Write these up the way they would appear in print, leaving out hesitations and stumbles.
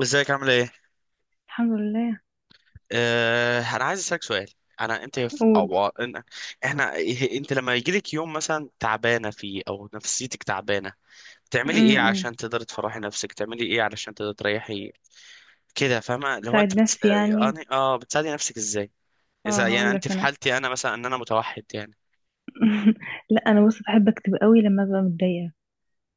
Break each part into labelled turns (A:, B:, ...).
A: ازيك عامله ايه؟
B: الحمد لله.
A: آه انا عايز اسالك سؤال. انا انت في
B: قول.
A: احنا انت لما يجيلك يوم مثلا تعبانه فيه او نفسيتك تعبانه، بتعملي ايه
B: امم.
A: عشان تقدري تفرحي نفسك؟ بتعملي ايه علشان تقدري تريحي كده؟ فاهمه؟ لو
B: ساعد
A: انت
B: نفسي يعني.
A: بتساعدي نفسك ازاي؟
B: اه،
A: اذا يعني
B: هقول
A: انت
B: لك
A: في
B: انا.
A: حالتي انا مثلا، ان انا متوحد يعني.
B: لا، انا بص، بحب اكتب قوي لما ببقى متضايقه.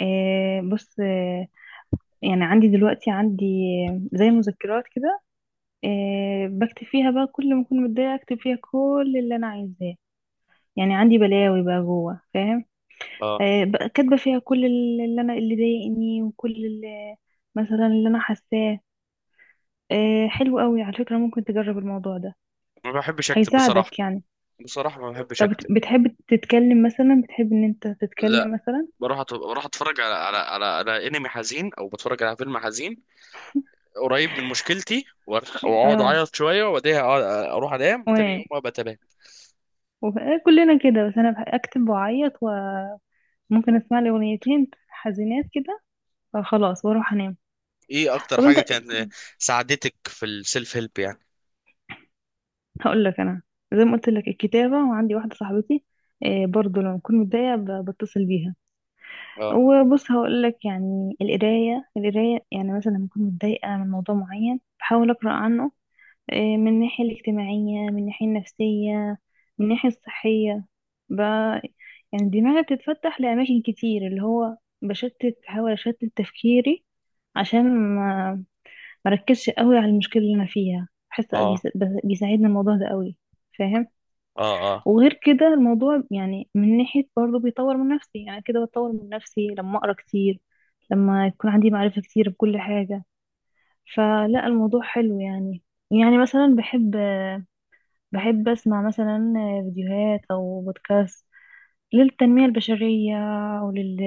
B: آه، بص آه. يعني عندي دلوقتي، عندي زي مذكرات كده. آه، بكتب فيها بقى كل ما اكون متضايقه، اكتب فيها كل اللي انا عايزاه. يعني عندي بلاوي بقى جوه، فاهم؟
A: اه.
B: آه، بقى كاتبه فيها كل اللي ضايقني وكل اللي، مثلا اللي انا حاساه. آه، حلو قوي على فكره، ممكن تجرب الموضوع ده.
A: ما بحبش اكتب بصراحه،
B: هيساعدك يعني.
A: بصراحه ما بحبش
B: طب
A: اكتب.
B: بتحب تتكلم مثلا، بتحب ان انت
A: لا،
B: تتكلم مثلا؟
A: بروح بروح اتفرج على على انمي حزين او بتفرج على فيلم حزين قريب من مشكلتي، واقعد
B: اه.
A: اعيط شويه وبعدها اروح انام وتاني
B: وانا
A: يوم ابقى تمام.
B: كلنا كده، بس انا اكتب واعيط، وممكن اسمع لي اغنيتين حزينات كده، فخلاص واروح انام.
A: ايه اكتر
B: طب انت،
A: حاجه كان ساعدتك في السيلف هيلب يعني؟
B: هقول لك انا. زي ما قلت لك الكتابة، وعندي واحدة صاحبتي، آه، برضو لما بكون متضايقة بتصل بيها.
A: اه،
B: وبص هقول لك، يعني القراية، يعني مثلا لما بكون متضايقة من موضوع معين بحاول اقرا عنه. آه، من الناحية الاجتماعية، من الناحية النفسية، من الناحية الصحية بقى. يعني دماغي بتتفتح لأماكن كتير، اللي هو بحاول أشتت تفكيري عشان ما مركزش قوي على المشكلة اللي أنا فيها. بحس
A: اه،
B: بيساعدني الموضوع ده قوي، فاهم؟
A: اه، اه.
B: وغير كده الموضوع يعني، من ناحية برضه بيطور من نفسي، يعني كده بتطور من نفسي لما أقرأ كتير، لما يكون عندي معرفة كتير بكل حاجة. فلا، الموضوع حلو يعني. يعني مثلا بحب، بحب أسمع مثلا فيديوهات أو بودكاست للتنمية البشرية ولل...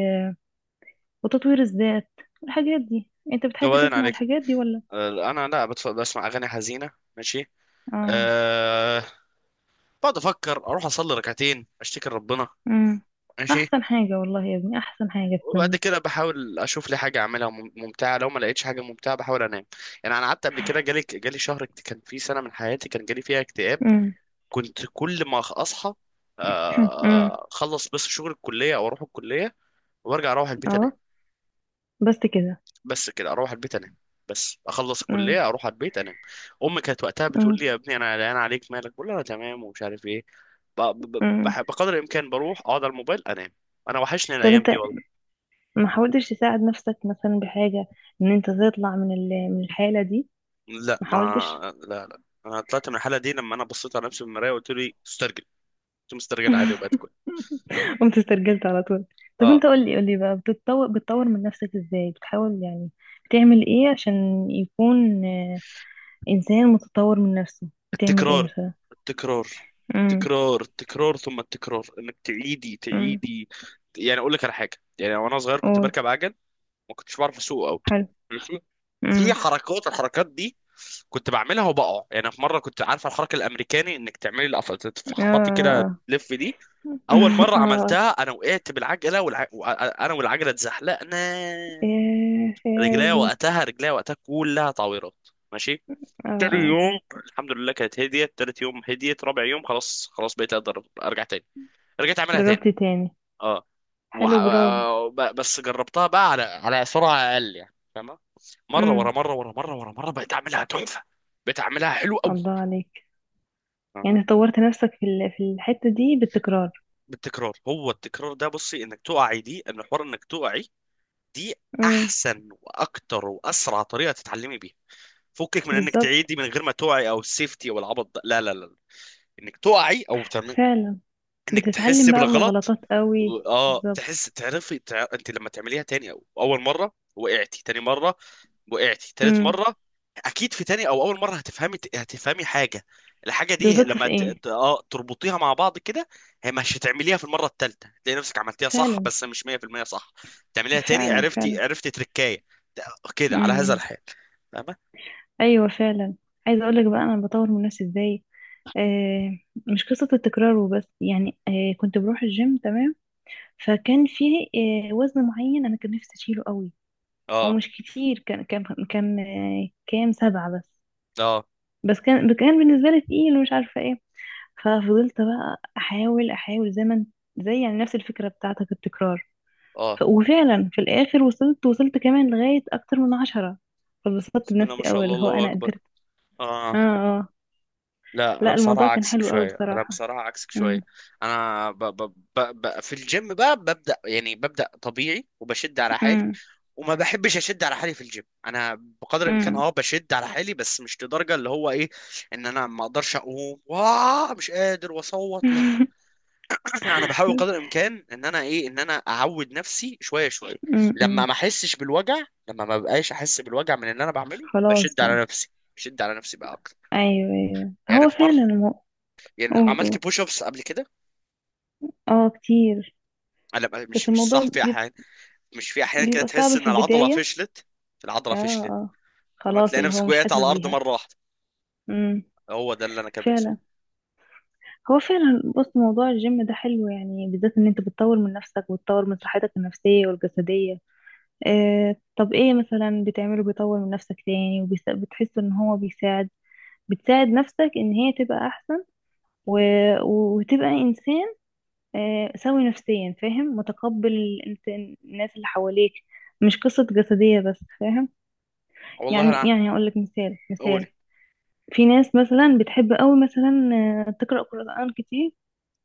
B: وتطوير الذات. الحاجات دي أنت
A: طب
B: بتحب
A: بعدين
B: تسمع
A: عليك.
B: الحاجات دي ولا؟
A: انا لا بسمع اغاني حزينه. ماشي.
B: آه.
A: أه. بقعد افكر اروح اصلي ركعتين اشتكي لربنا.
B: أمم.
A: ماشي.
B: أحسن حاجة والله يا ابني، أحسن حاجة في
A: وبعد
B: الدنيا.
A: كده بحاول اشوف لي حاجه اعملها ممتعه، لو ما لقيتش حاجه ممتعه بحاول انام. يعني انا قعدت قبل كده جالي شهر، كان في سنه من حياتي كان جالي فيها اكتئاب.
B: أمم.
A: كنت كل ما اصحى
B: أمم.
A: اخلص بس شغل الكليه او اروح الكليه وارجع اروح البيت
B: أه،
A: انام.
B: بس كده.
A: بس كده، اروح البيت انام. بس اخلص
B: أمم.
A: الكليه اروح على البيت انام. امي كانت وقتها بتقول
B: أمم.
A: لي يا ابني انا قلقان عليك، مالك؟ بقول لها انا تمام ومش عارف ايه.
B: أمم.
A: بقدر الامكان بروح اقعد على الموبايل انام. انا وحشني
B: طب
A: الايام دي
B: أنت،
A: والله.
B: ما حاولتش تساعد نفسك مثلا بحاجة، إن أنت تطلع من الحالة دي؟
A: لا
B: ما
A: ما.
B: حاولتش؟
A: لا. انا طلعت من الحاله دي لما انا بصيت على نفسي في المرايه وقلت لي استرجل. كنت مسترجل عادي وبقت كويس.
B: قمت استرجلت على طول. طب
A: اه.
B: انت قولي قولي بقى، بتطور من نفسك ازاي؟ بتحاول يعني، بتعمل ايه عشان يكون انسان متطور من نفسه؟ بتعمل ايه
A: التكرار.
B: مثلا؟
A: التكرار.
B: امم.
A: التكرار ثم التكرار، انك تعيدي
B: امم.
A: تعيدي. يعني اقول لك على حاجه، يعني وانا صغير كنت
B: قول.
A: بركب عجل. ما كنتش بعرف اسوق قوي.
B: حلو.
A: ماشي. في
B: امم.
A: حركات، الحركات دي كنت بعملها وبقع، يعني في مره كنت عارفه الحركه الامريكاني انك تعملي القفل تفحطي كده
B: اه،
A: تلف دي.
B: اه.
A: اول مره
B: اه.
A: عملتها انا وقعت بالعجله انا والعجله اتزحلقنا.
B: ايه يا
A: رجليا
B: ابني.
A: وقتها رجليا وقتها كلها تعويرات. ماشي.
B: اه،
A: تاني
B: اه.
A: يوم الحمد لله كانت هديت، تالت يوم هديت، رابع يوم خلاص، خلاص بقيت اقدر ارجع تاني. رجعت اعملها
B: جربت
A: تاني.
B: تاني.
A: اه.
B: حلو، برافو.
A: بس جربتها بقى على سرعه اقل يعني، فاهمه؟ مره ورا
B: امم.
A: مره ورا مره ورا مره بقيت اعملها تحفه. بقيت اعملها حلو قوي.
B: الله عليك.
A: فاهمه؟
B: يعني طورت نفسك في الحتة دي بالتكرار.
A: بالتكرار، هو التكرار ده بصي، انك تقعي دي ان حوار، انك تقعي دي
B: امم.
A: احسن واكتر واسرع طريقه تتعلمي بيها. فكك من انك
B: بالظبط.
A: تعيدي من غير ما تقعي او السيفتي او العبط ده، لا لا لا، انك تقعي او تعمل،
B: فعلا.
A: انك تحس
B: بتتعلم بقى من
A: بالغلط.
B: الغلطات قوي.
A: اه
B: بالظبط.
A: تحس، انت لما تعمليها تاني او اول مره وقعتي تاني مره، وقعتي تالت
B: امم.
A: مره، اكيد في تاني او اول مره هتفهمي حاجه. الحاجه دي
B: غلطت
A: لما
B: في ايه.
A: تربطيها مع بعض كده، هي مش هتعمليها في المره التالته تلاقي نفسك عملتيها صح،
B: فعلا،
A: بس مش 100% صح. تعمليها تاني،
B: فعلا،
A: عرفتي
B: فعلا.
A: عرفتي تركايه. ت- كده على هذا
B: امم.
A: الحال. فاهمه؟
B: ايوه فعلا. عايزه اقول لك بقى انا بطور من نفسي ازاي. آه، مش قصه التكرار وبس. يعني كنت بروح الجيم تمام، فكان فيه وزن معين انا كان نفسي اشيله قوي. هو
A: اه،
B: مش كتير، كان كان كام سبعه بس.
A: اه،
B: بس كان بالنسبه لي تقيل ومش عارفه ايه. ففضلت بقى احاول احاول، زي ما انت- زي، يعني، نفس الفكره بتاعتك، التكرار.
A: اه.
B: وفعلا في الاخر وصلت كمان لغاية اكتر من 10. فبسطت
A: بسم الله
B: بنفسي
A: ما شاء
B: قوي،
A: الله،
B: اللي هو
A: الله
B: انا
A: اكبر.
B: قدرت.
A: اه.
B: اه، اه.
A: لا انا
B: لا،
A: بصراحه
B: الموضوع كان
A: عكسك
B: حلو قوي
A: شويه، انا
B: بصراحة.
A: بصراحه عكسك شويه.
B: امم.
A: انا ب ب ب ب في الجيم بقى ببدا، يعني ببدا طبيعي وبشد على حالي،
B: امم.
A: وما بحبش اشد على حالي في الجيم انا. بقدر الامكان
B: امم.
A: اه بشد على حالي، بس مش لدرجه اللي هو ايه، ان انا ما اقدرش اقوم، واه مش قادر واصوت، لا. انا بحاول قدر الامكان ان انا ايه، ان انا اعود نفسي شويه شويه،
B: امم.
A: لما
B: أمم.
A: ما احسش بالوجع، لما ما بقاش احس بالوجع من اللي انا بعمله
B: خلاص
A: بشد
B: بقى.
A: على نفسي، بشد على نفسي بقى اكتر.
B: ايوه، ايوه،
A: يعني
B: هو
A: في مره،
B: فعلا
A: يعني
B: قول، قول.
A: عملت بوش ابس قبل كده.
B: اه، كتير.
A: لا،
B: بس
A: مش
B: الموضوع
A: صح، في احيان، مش في احيان كده
B: بيبقى
A: تحس
B: صعب في
A: ان العضله
B: البداية.
A: فشلت، العضله
B: اه،
A: فشلت،
B: اه.
A: فما
B: خلاص،
A: تلاقي
B: اللي هو
A: نفسك
B: مش
A: وقعت على
B: حاسس
A: الارض
B: بيها.
A: مره واحده.
B: امم.
A: هو ده اللي انا كان بيحصل.
B: فعلا. هو فعلا، بص، موضوع الجيم ده حلو، يعني بالذات ان انت بتطور من نفسك وتطور من صحتك النفسية والجسدية. اه، طب ايه مثلا بتعمله بيطور من نفسك تاني، وبتحس ان هو بيساعد، بتساعد نفسك ان هي تبقى احسن و... وتبقى انسان، اه، سوي نفسيا، فاهم، متقبل الناس اللي حواليك؟ مش قصة جسدية بس، فاهم؟
A: والله
B: يعني
A: انا.
B: يعني اقول لك مثال، مثال.
A: قول.
B: في ناس مثلا بتحب قوي، مثلا، آه، تقرأ قرآن كتير.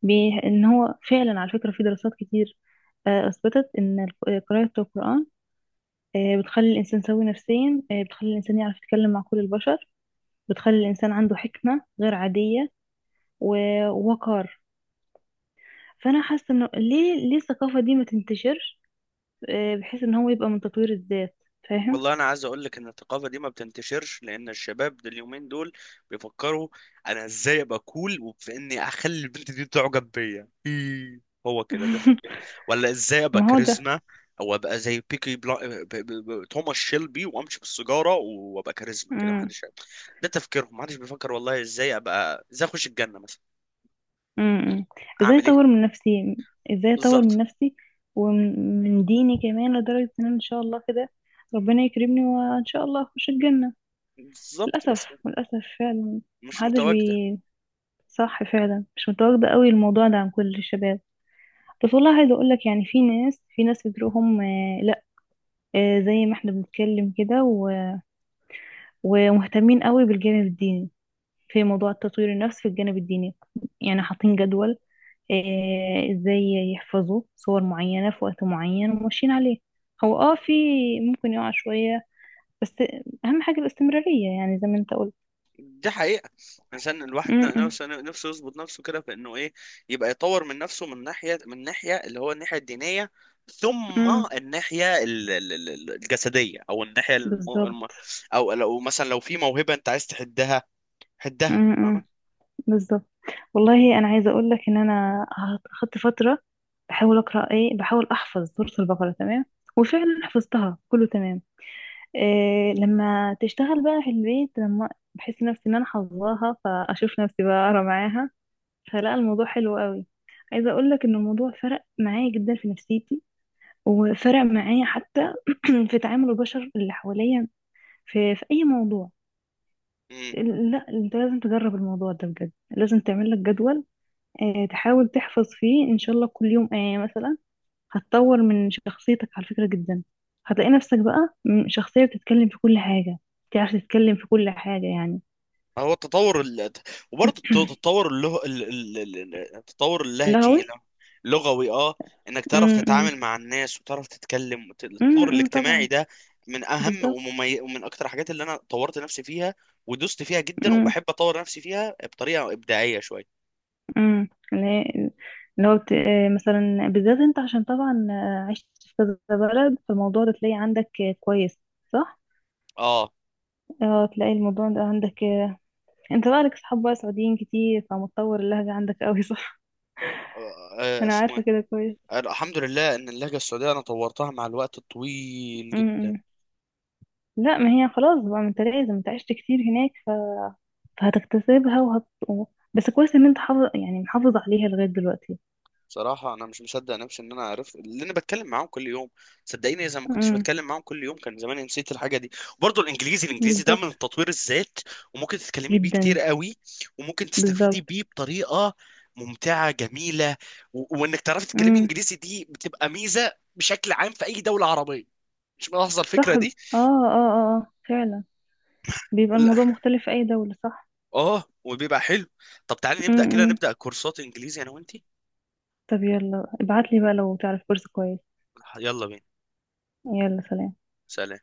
B: ان هو فعلا على فكرة، في دراسات كتير، آه، اثبتت ان قراءة القرآن، بتخلي الانسان سوي نفسيا، بتخلي الانسان يعرف يتكلم مع كل البشر، بتخلي الانسان عنده حكمة غير عادية ووقار. فانا حاسة انه ليه، ليه الثقافة دي ما تنتشرش، آه، بحيث ان هو يبقى من تطوير الذات، فاهم؟
A: والله انا عايز اقول لك ان الثقافه دي ما بتنتشرش، لان الشباب دول اليومين دول بيفكروا انا ازاي ابقى كول، وفي اني اخلي البنت دي تعجب بيا إيه، هو كده ده فكرة. ولا ازاي ابقى
B: ما هو
A: كاريزما، او ابقى زي بيكي بلا... ب... ب... ب... توماس شيلبي وامشي بالسيجاره وابقى كاريزما
B: ده.
A: كده، ما حدش ده تفكيرهم، ما حدش بيفكر والله ازاي ابقى، ازاي اخش الجنه مثلا،
B: امم. ازاي
A: اعمل ايه.
B: اطور من نفسي، ازاي اطور من
A: بالظبط.
B: نفسي ومن ديني كمان، لدرجة ان أنا ان شاء الله كده ربنا يكرمني، وان شاء الله اخش الجنة.
A: بالظبط.
B: للاسف،
A: بس
B: للاسف فعلا.
A: مش
B: محدش
A: متواجد.
B: بي. صح فعلا، مش متواجدة قوي الموضوع ده عن كل الشباب. بس والله عايزة اقول لك، يعني، في ناس بتروحهم آه، لا، آه، زي ما احنا بنتكلم كده ومهتمين قوي بالجانب الديني. في موضوع تطوير النفس في الجانب الديني، يعني حاطين جدول، آه، ازاي يحفظوا صور معينة في وقت معين وماشيين عليه. هو، في، ممكن يقع شوية، بس اهم حاجة الاستمرارية، يعني زي ما انت قلت.
A: دي حقيقة. عشان الواحد
B: م- م-
A: نفسه، نفسه يظبط نفسه كده في انه ايه، يبقى يطور من نفسه من ناحية، من ناحية اللي هو الناحية الدينية، ثم
B: م.
A: الناحية الجسدية او الناحية
B: بالظبط.
A: او لو مثلا لو في موهبة انت عايز تحدها،
B: م-
A: حدها. فاهمة؟
B: م. بالظبط. والله انا عايزة اقول لك ان انا اخدت فترة بحاول اقرا، ايه، بحاول احفظ سورة البقرة، تمام. وفعلا حفظتها كله تمام. إيه، لما تشتغل بقى في البيت، لما بحس نفسي ان انا حافظاها، فاشوف نفسي بقى اقرا معاها. فلا، الموضوع حلو قوي. عايزه اقول لك ان الموضوع فرق معايا جدا في نفسيتي، وفرق معايا حتى في تعامل البشر اللي حواليا، في اي موضوع. لا، انت لازم تجرب الموضوع ده بجد، لازم تعمل لك جدول، آه، تحاول تحفظ فيه ان شاء الله كل يوم آية مثلا. هتطور من شخصيتك على فكرة جدا، هتلاقي نفسك بقى شخصية بتتكلم في كل حاجة، تعرف تتكلم في كل حاجة، يعني.
A: هو التطور التطور اللغ... ال- ال- ال- ال- التطور اللهجي.
B: لهوي.
A: لغوي، اه. انك تعرف
B: م-
A: تتعامل
B: م-
A: مع الناس وتعرف تتكلم التطور الاجتماعي
B: طبعا.
A: ده من اهم
B: بالظبط.
A: ومن اكتر الحاجات اللي انا طورت نفسي فيها، ودوست فيها جدا، وبحب اطور نفسي فيها بطريقة ابداعية شوية.
B: امم. اللي هو بت... آه، مثلا بالذات انت، عشان طبعا، عشت في كذا بلد، فالموضوع ده تلاقي عندك، كويس، صح؟
A: اه.
B: اه، تلاقي الموضوع ده عندك، انت بقى لك صحاب بقى سعوديين كتير، فمتطور اللهجة عندك قوي، صح؟ انا عارفة
A: اسمه
B: كده كويس.
A: ايه. الحمد لله ان اللهجة السعودية انا طورتها مع الوقت الطويل جدا.
B: امم. لا، ما هي خلاص بقى، ما انت لازم، انت عشت كتير هناك، فهتكتسبها بس كويس ان انت حافظ، يعني محافظ عليها لغاية دلوقتي.
A: بصراحة أنا مش مصدق نفسي إن أنا عرفت اللي أنا بتكلم معاهم كل يوم. صدقيني إذا ما كنتش
B: امم.
A: بتكلم معاهم كل يوم كان زماني نسيت الحاجة دي. وبرضه الإنجليزي ده
B: بالظبط.
A: من تطوير الذات، وممكن تتكلمي بيه
B: جدا.
A: كتير قوي، وممكن تستفيدي
B: بالظبط.
A: بيه بطريقة ممتعة جميلة. وإنك تعرفي تتكلمي
B: امم.
A: إنجليزي دي بتبقى ميزة بشكل عام في أي دولة عربية. مش ملاحظة الفكرة
B: صح، اه.
A: دي؟
B: اه، اه، آه، فعلا. بيبقى
A: لا.
B: الموضوع مختلف في أي دولة، صح؟
A: آه وبيبقى حلو. طب تعالي
B: م
A: نبدأ كده
B: -م.
A: نبدأ كورسات إنجليزي أنا وأنتي.
B: طب يلا ابعتلي بقى لو تعرف كورس كويس.
A: يلا بينا.
B: يلا، سلام.
A: سلام.